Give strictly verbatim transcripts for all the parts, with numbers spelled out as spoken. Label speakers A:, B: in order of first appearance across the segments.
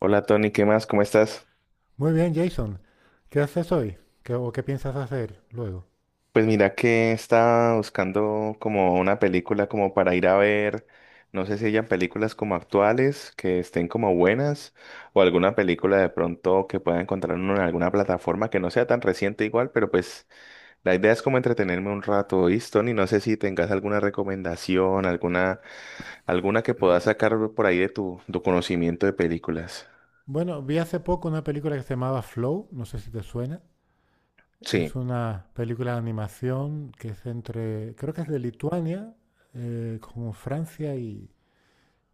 A: Hola Tony, ¿qué más? ¿Cómo estás?
B: Muy bien, Jason. ¿Qué haces hoy? ¿Qué, o qué piensas hacer luego?
A: Pues mira que estaba buscando como una película como para ir a ver, no sé si hayan películas como actuales que estén como buenas o alguna película de pronto que pueda encontrar uno en alguna plataforma que no sea tan reciente igual, pero pues la idea es como entretenerme un rato, ¿oíste, Tony? No sé si tengas alguna recomendación, alguna, alguna que puedas sacar por ahí de tu, tu conocimiento de películas.
B: Bueno, vi hace poco una película que se llamaba Flow, no sé si te suena.
A: Sí.
B: Es una película de animación que es entre, creo que es de Lituania, eh, como Francia y,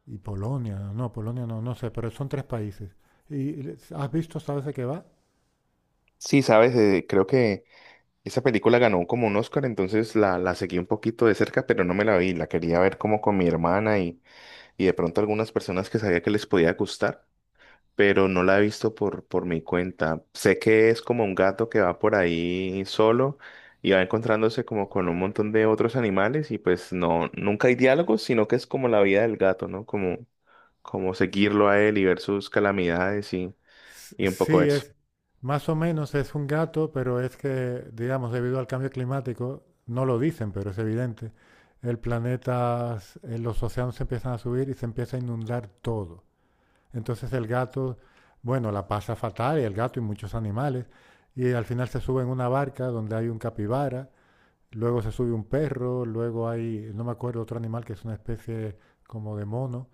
B: y Polonia. No, Polonia no, no sé, pero son tres países. ¿Y has visto, sabes de qué va?
A: Sí, sabes, Eh, creo que esa película ganó como un Oscar, entonces la, la seguí un poquito de cerca, pero no me la vi. La quería ver como con mi hermana y, y de pronto algunas personas que sabía que les podía gustar, pero no la he visto por, por mi cuenta. Sé que es como un gato que va por ahí solo y va encontrándose como con un montón de otros animales y pues no, nunca hay diálogos, sino que es como la vida del gato, ¿no? Como, como seguirlo a él y ver sus calamidades y, y un poco
B: Sí,
A: eso.
B: es más o menos es un gato, pero es que, digamos, debido al cambio climático, no lo dicen, pero es evidente, el planeta, s- eh, los océanos se empiezan a subir y se empieza a inundar todo. Entonces el gato, bueno, la pasa fatal, y el gato y muchos animales, y al final se sube en una barca donde hay un capibara, luego se sube un perro, luego hay, no me acuerdo, otro animal que es una especie como de mono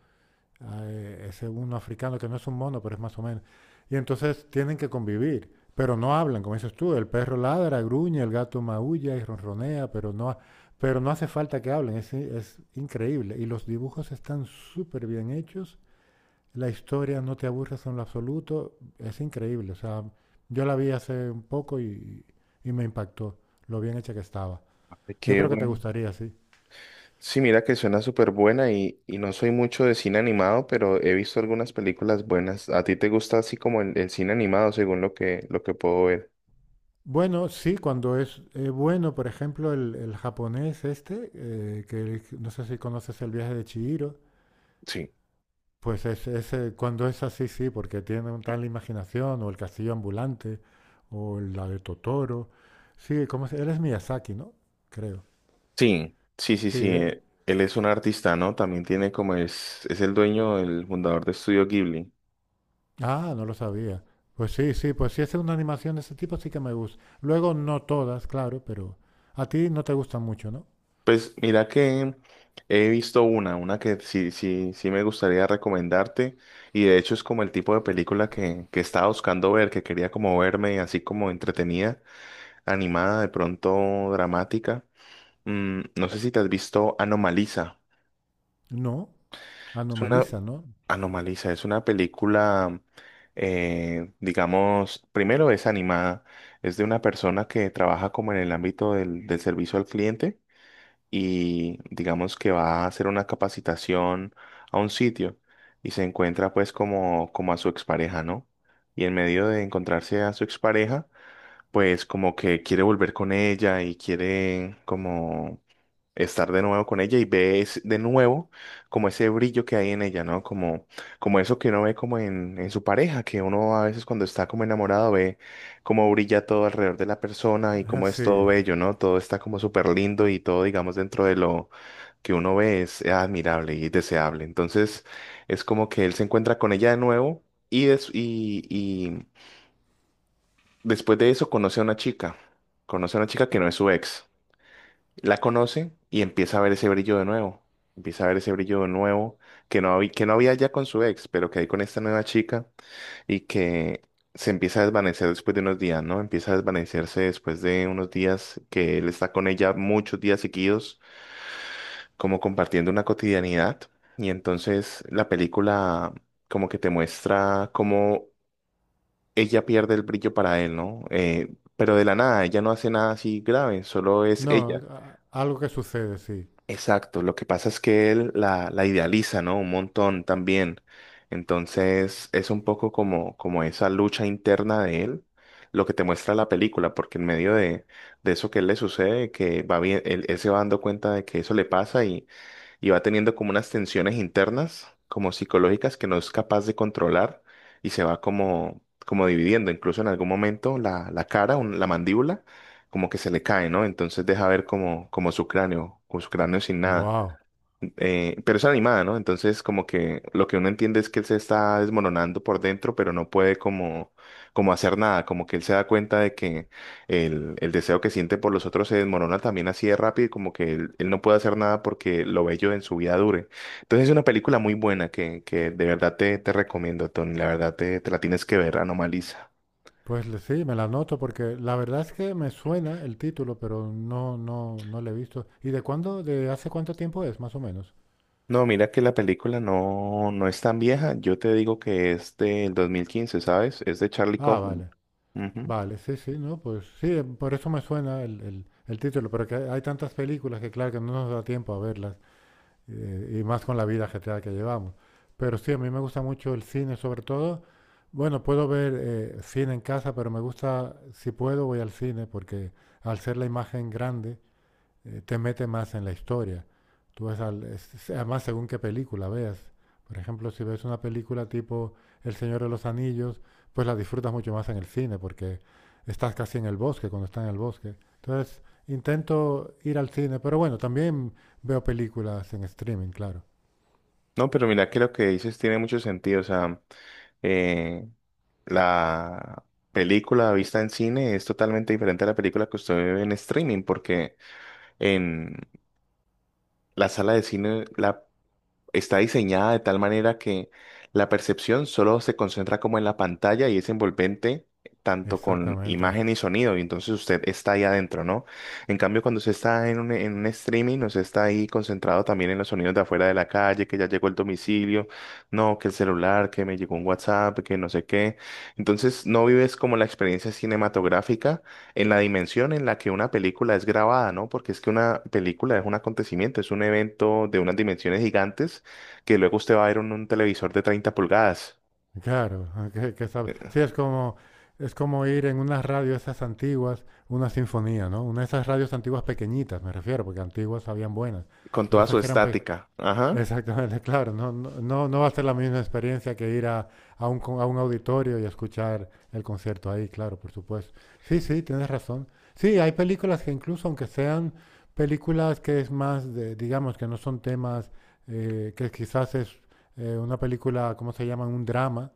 B: eh, ese uno africano que no es un mono, pero es más o menos. Y entonces tienen que convivir, pero no hablan, como dices tú, el perro ladra, gruñe, el gato maulla y ronronea, pero no, ha- pero no hace falta que hablen, es, i- es increíble. Y los dibujos están súper bien hechos, la historia no te aburres en lo absoluto, es increíble. O sea, yo la vi hace un poco y, y me impactó lo bien hecha que estaba. Yo
A: Qué
B: creo que te
A: bueno.
B: gustaría, sí.
A: Sí, mira que suena súper buena y, y no soy mucho de cine animado, pero he visto algunas películas buenas. ¿A ti te gusta así como el, el cine animado, según lo que, lo que puedo ver?
B: Bueno, sí, cuando es eh, bueno, por ejemplo, el, el japonés este, eh, que no sé si conoces El viaje de Chihiro,
A: Sí.
B: pues es, es, eh, cuando es así, sí, porque tiene un tal imaginación, o El castillo ambulante, o la de Totoro. Sí, ¿cómo se- Él es Miyazaki, ¿no? Creo.
A: Sí, sí, sí,
B: Sí,
A: sí.
B: eh.
A: eh, Él es un artista, ¿no? También tiene como es, es el dueño, el fundador de Estudio Ghibli.
B: Ah, no lo sabía. Pues sí, sí, pues si es una animación de ese tipo, sí que me gusta. Luego, no todas, claro, pero a ti no te gustan mucho, ¿no?
A: Pues mira que he visto una, una que sí, sí, sí me gustaría recomendarte y de hecho es como el tipo de película que, que estaba buscando ver, que quería como verme así como entretenida. Animada, de pronto dramática. Mm, no sé si te has visto Anomaliza.
B: No,
A: Es una...
B: Anomaliza, ¿no?
A: Anomaliza, es una película, eh, digamos, primero es animada, es de una persona que trabaja como en el ámbito del, del servicio al cliente y digamos que va a hacer una capacitación a un sitio y se encuentra pues como, como a su expareja, ¿no? Y en medio de encontrarse a su expareja, pues como que quiere volver con ella y quiere como estar de nuevo con ella y ve es- de nuevo como ese brillo que hay en ella, ¿no? Como, como eso que uno ve como en, en su pareja, que uno a veces cuando está como enamorado ve cómo brilla todo alrededor de la persona y cómo es todo
B: Sí.
A: bello, ¿no? Todo está como súper lindo y todo, digamos, dentro de lo que uno ve es admirable y deseable. Entonces es como que él se encuentra con ella de nuevo. Y, des- y, Después de eso conoce a una chica, conoce a una chica que no es su ex. La conoce y empieza a ver ese brillo de nuevo. Empieza a ver ese brillo de nuevo que no, había- que no había ya con su ex, pero que hay con esta nueva chica y que se empieza a desvanecer después de unos días, ¿no? Empieza a desvanecerse después de unos días que él está con ella muchos días seguidos, como compartiendo una cotidianidad. Y entonces la película como que te muestra cómo ella pierde el brillo para él, ¿no? Eh, pero de la nada, ella no hace nada así grave, solo es
B: No,
A: ella.
B: a- algo que sucede, sí.
A: Exacto, lo que pasa es que él la, la idealiza, ¿no? Un montón también. Entonces es un poco como, como esa lucha interna de él, lo que te muestra la película, porque en medio de, de eso que él le sucede, que va bien, él, él se va dando cuenta de que eso le pasa y va teniendo como unas tensiones internas, como psicológicas, que no es capaz de controlar y se va como, como dividiendo. Incluso en algún momento la, la cara, un- la mandíbula, como que se le cae, ¿no? Entonces deja ver como, como su cráneo, con su cráneo sin nada.
B: Wow.
A: Eh, pero es animada, ¿no? Entonces, como que lo que uno entiende es que él se está desmoronando por dentro, pero no puede como, como hacer nada, como que él se da cuenta de que el, el deseo que siente por los otros se desmorona también así de rápido, y como que él, él no puede hacer nada porque lo bello en su vida dure. Entonces, es una película muy buena que, que de verdad te, te recomiendo, Tony, la verdad te, te la tienes que ver, Anomaliza.
B: Pues le- sí, me la anoto porque la verdad es que me suena el título, pero no, no, no le he visto. ¿Y de cuándo, de hace cuánto tiempo es, más o menos?
A: No, mira que la película no, no es tan vieja, yo te digo que es del dos mil quince, ¿sabes? Es de Charlie
B: Ah,
A: Kaufman.
B: vale,
A: Ujú.
B: vale, sí, sí, no, pues sí, eh, por eso me suena el, el- el título, pero que hay tantas películas que claro que no nos da tiempo a verlas. eh, y más con la vida ajetreada que llevamos. Pero sí, a mí me gusta mucho el cine, sobre todo. Bueno, puedo ver eh, cine en casa, pero me gusta, si puedo, voy al cine, porque al ser la imagen grande, eh, te mete más en la historia. Tú ves al- es- Además, según qué película veas. Por ejemplo, si ves una película tipo El Señor de los Anillos, pues la disfrutas mucho más en el cine porque estás casi en el bosque cuando estás en el bosque. Entonces, intento ir al cine, pero bueno, también veo películas en streaming, claro.
A: No, pero mira que lo que dices tiene mucho sentido. O sea, eh, la película vista en cine es totalmente diferente a la película que usted ve en streaming, porque en la sala de cine la está diseñada de tal manera que la percepción solo se concentra como en la pantalla y es envolvente tanto con
B: Exactamente.
A: imagen y sonido, y entonces usted está ahí adentro, ¿no? En cambio, cuando usted está en un, en un streaming, no se está ahí concentrado también en los sonidos de afuera de la calle, que ya llegó el domicilio, no, que el celular, que me llegó un WhatsApp, que no sé qué. Entonces, no vives como la experiencia cinematográfica en la dimensión en la que una película es grabada, ¿no? Porque es que una película es un acontecimiento, es un evento de unas dimensiones gigantes que luego usted va a ver un, un televisor de treinta pulgadas
B: Claro, ah, que, que sabe-
A: eh,
B: Sí, es como, es como ir en una radio esas antiguas, una sinfonía, ¿no? Una de esas radios antiguas pequeñitas, me refiero, porque antiguas habían buenas,
A: con
B: pero
A: toda
B: esas
A: su
B: que eran pe-
A: estática. Ajá.
B: Exactamente, claro, no, no, no no va a ser la misma experiencia que ir a, a un, con- a un auditorio y escuchar el concierto ahí, claro, por supuesto. Sí, sí, tienes razón. Sí, hay películas que incluso, aunque sean películas que es más, de, digamos, que no son temas, eh, que quizás es eh, una película, ¿cómo se llama? Un drama,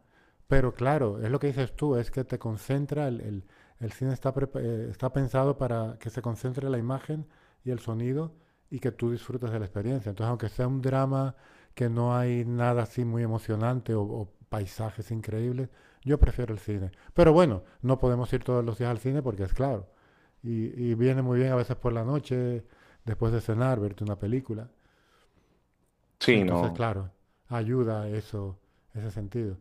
B: pero claro, es lo que dices tú, es que te concentra, el, el- el cine está, prepa- eh, está pensado para que se concentre la imagen y el sonido y que tú disfrutes de la experiencia. Entonces, aunque sea un drama que no hay nada así muy emocionante o, o paisajes increíbles, yo prefiero el cine. Pero bueno, no podemos ir todos los días al cine porque es claro. Y, y viene muy bien a veces por la noche, después de cenar, verte una película.
A: Sí,
B: Entonces,
A: no.
B: claro, ayuda eso, ese sentido.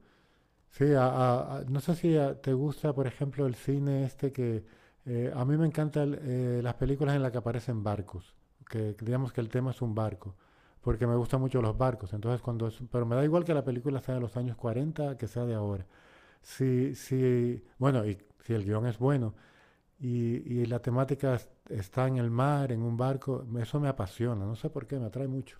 B: Sí, a- a- a- no sé si a- te gusta, por ejemplo, el cine este que eh, a mí me encantan eh, las películas en las que aparecen barcos, que que digamos que el tema es un barco, porque me gustan mucho los barcos. Entonces, cuando es- pero me da igual que la película sea de los años cuarenta que sea de ahora. Si, si, bueno, y si el guión es bueno y, y la temática es- está en el mar, en un barco, eso me apasiona, no sé por qué, me atrae mucho.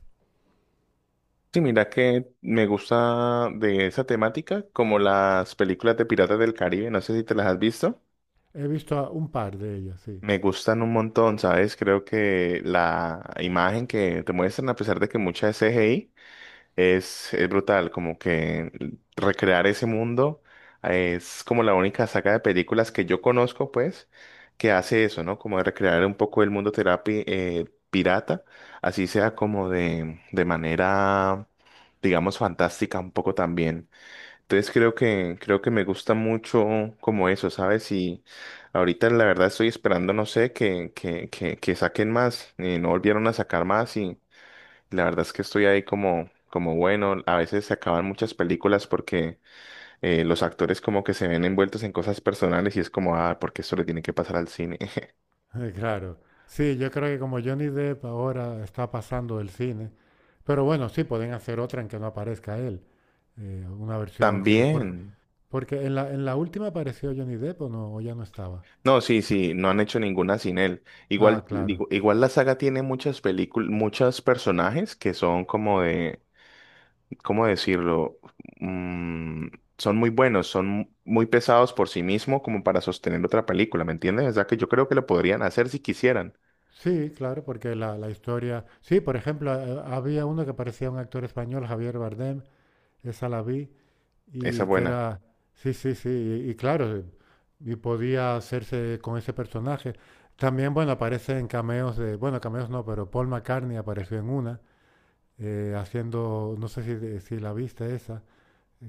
A: Sí, mira que me gusta de esa temática, como las películas de Piratas del Caribe, no sé si te las has visto.
B: He visto a un par de ellas, sí.
A: Me gustan un montón, ¿sabes? Creo que la imagen que te muestran, a pesar de que mucha es C G I, Es, es brutal, como que recrear ese mundo. Eh, es como la única saga de películas que yo conozco, pues, que hace eso, ¿no? Como de recrear un poco el mundo terapi eh, pirata, así sea como de, de manera, digamos, fantástica un poco también. Entonces creo que, creo que me gusta mucho como eso, ¿sabes? Y ahorita la verdad estoy esperando, no sé, que, que, que, que saquen más, eh, no volvieron a sacar más y... La verdad es que estoy ahí como, como bueno, a veces se acaban muchas películas porque eh, los actores como que se ven envueltos en cosas personales y es como, ah, porque esto le tiene que pasar al cine.
B: Eh, Claro, sí, yo creo que como Johnny Depp ahora está pasando del cine, pero bueno, sí, pueden hacer otra en que no aparezca él, eh, una versión que... por-
A: También.
B: porque en la, en la última apareció Johnny Depp o no, o ya no estaba.
A: No, sí, sí, no han hecho ninguna sin él.
B: Ah,
A: Igual,
B: claro.
A: digo, igual la saga tiene muchas películas, muchos personajes que son como de, ¿cómo decirlo? Mm, Son muy buenos, son muy pesados por sí mismo como para sostener otra película, ¿me entiendes? O sea que yo creo que lo podrían hacer si quisieran.
B: Sí, claro, porque la, la historia... Sí, por ejemplo, eh, había uno que parecía un actor español, Javier Bardem, esa la vi,
A: Esa es
B: y que
A: buena.
B: era, sí, sí, sí, y, y claro, y podía hacerse con ese personaje. También, bueno, aparecen cameos de, bueno, cameos no, pero Paul McCartney apareció en una, eh, haciendo, no sé si, si la viste esa,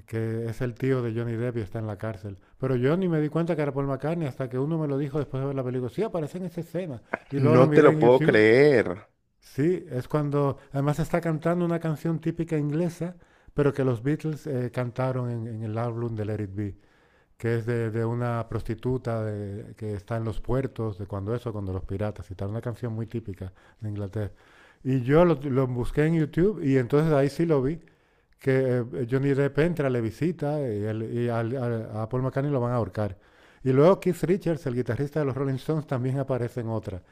B: que es el tío de Johnny Depp y está en la cárcel. Pero yo ni me di cuenta que era Paul McCartney hasta que uno me lo dijo después de ver la película. Sí, aparece en esa escena. Y luego lo
A: No te
B: miré
A: lo
B: en
A: puedo
B: YouTube.
A: creer.
B: Sí, es cuando además está cantando una canción típica inglesa, pero que los Beatles eh, cantaron en, en el álbum de Let It Be que es de, de una prostituta de- que está en los puertos, de cuando eso, cuando los piratas y tal, una canción muy típica de Inglaterra. Y yo lo, lo busqué en YouTube y entonces ahí sí lo vi, que eh, Johnny Depp entra, le visita y, él- y al- al- a Paul McCartney lo van a ahorcar. Y luego Keith Richards, el guitarrista de los Rolling Stones, también aparece en otra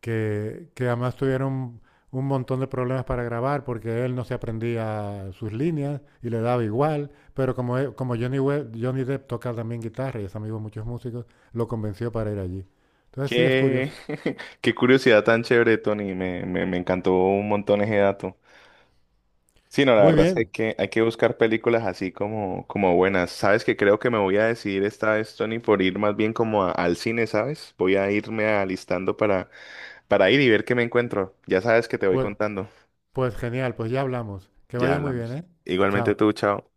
B: que, que además tuvieron un montón de problemas para grabar porque él no se aprendía sus líneas y le daba igual, pero como, él- como Johnny, We- Johnny Depp toca también guitarra y es amigo de muchos músicos, lo convenció para ir allí. Entonces sí, es
A: Qué,
B: curioso.
A: qué curiosidad tan chévere, Tony. Me, me, me encantó un montón ese dato. Sí, no, la
B: Muy
A: verdad es que hay
B: bien,
A: que hay que buscar películas así como, como buenas. Sabes que creo que me voy a decidir esta vez, Tony, por ir más bien como a- al cine, ¿sabes? Voy a irme alistando para, para ir y ver qué me encuentro. Ya sabes que te voy
B: pues,
A: contando.
B: pues genial, pues ya hablamos. Que
A: Ya
B: vaya muy bien,
A: hablamos.
B: ¿eh?
A: Igualmente
B: Chao.
A: tú, chao.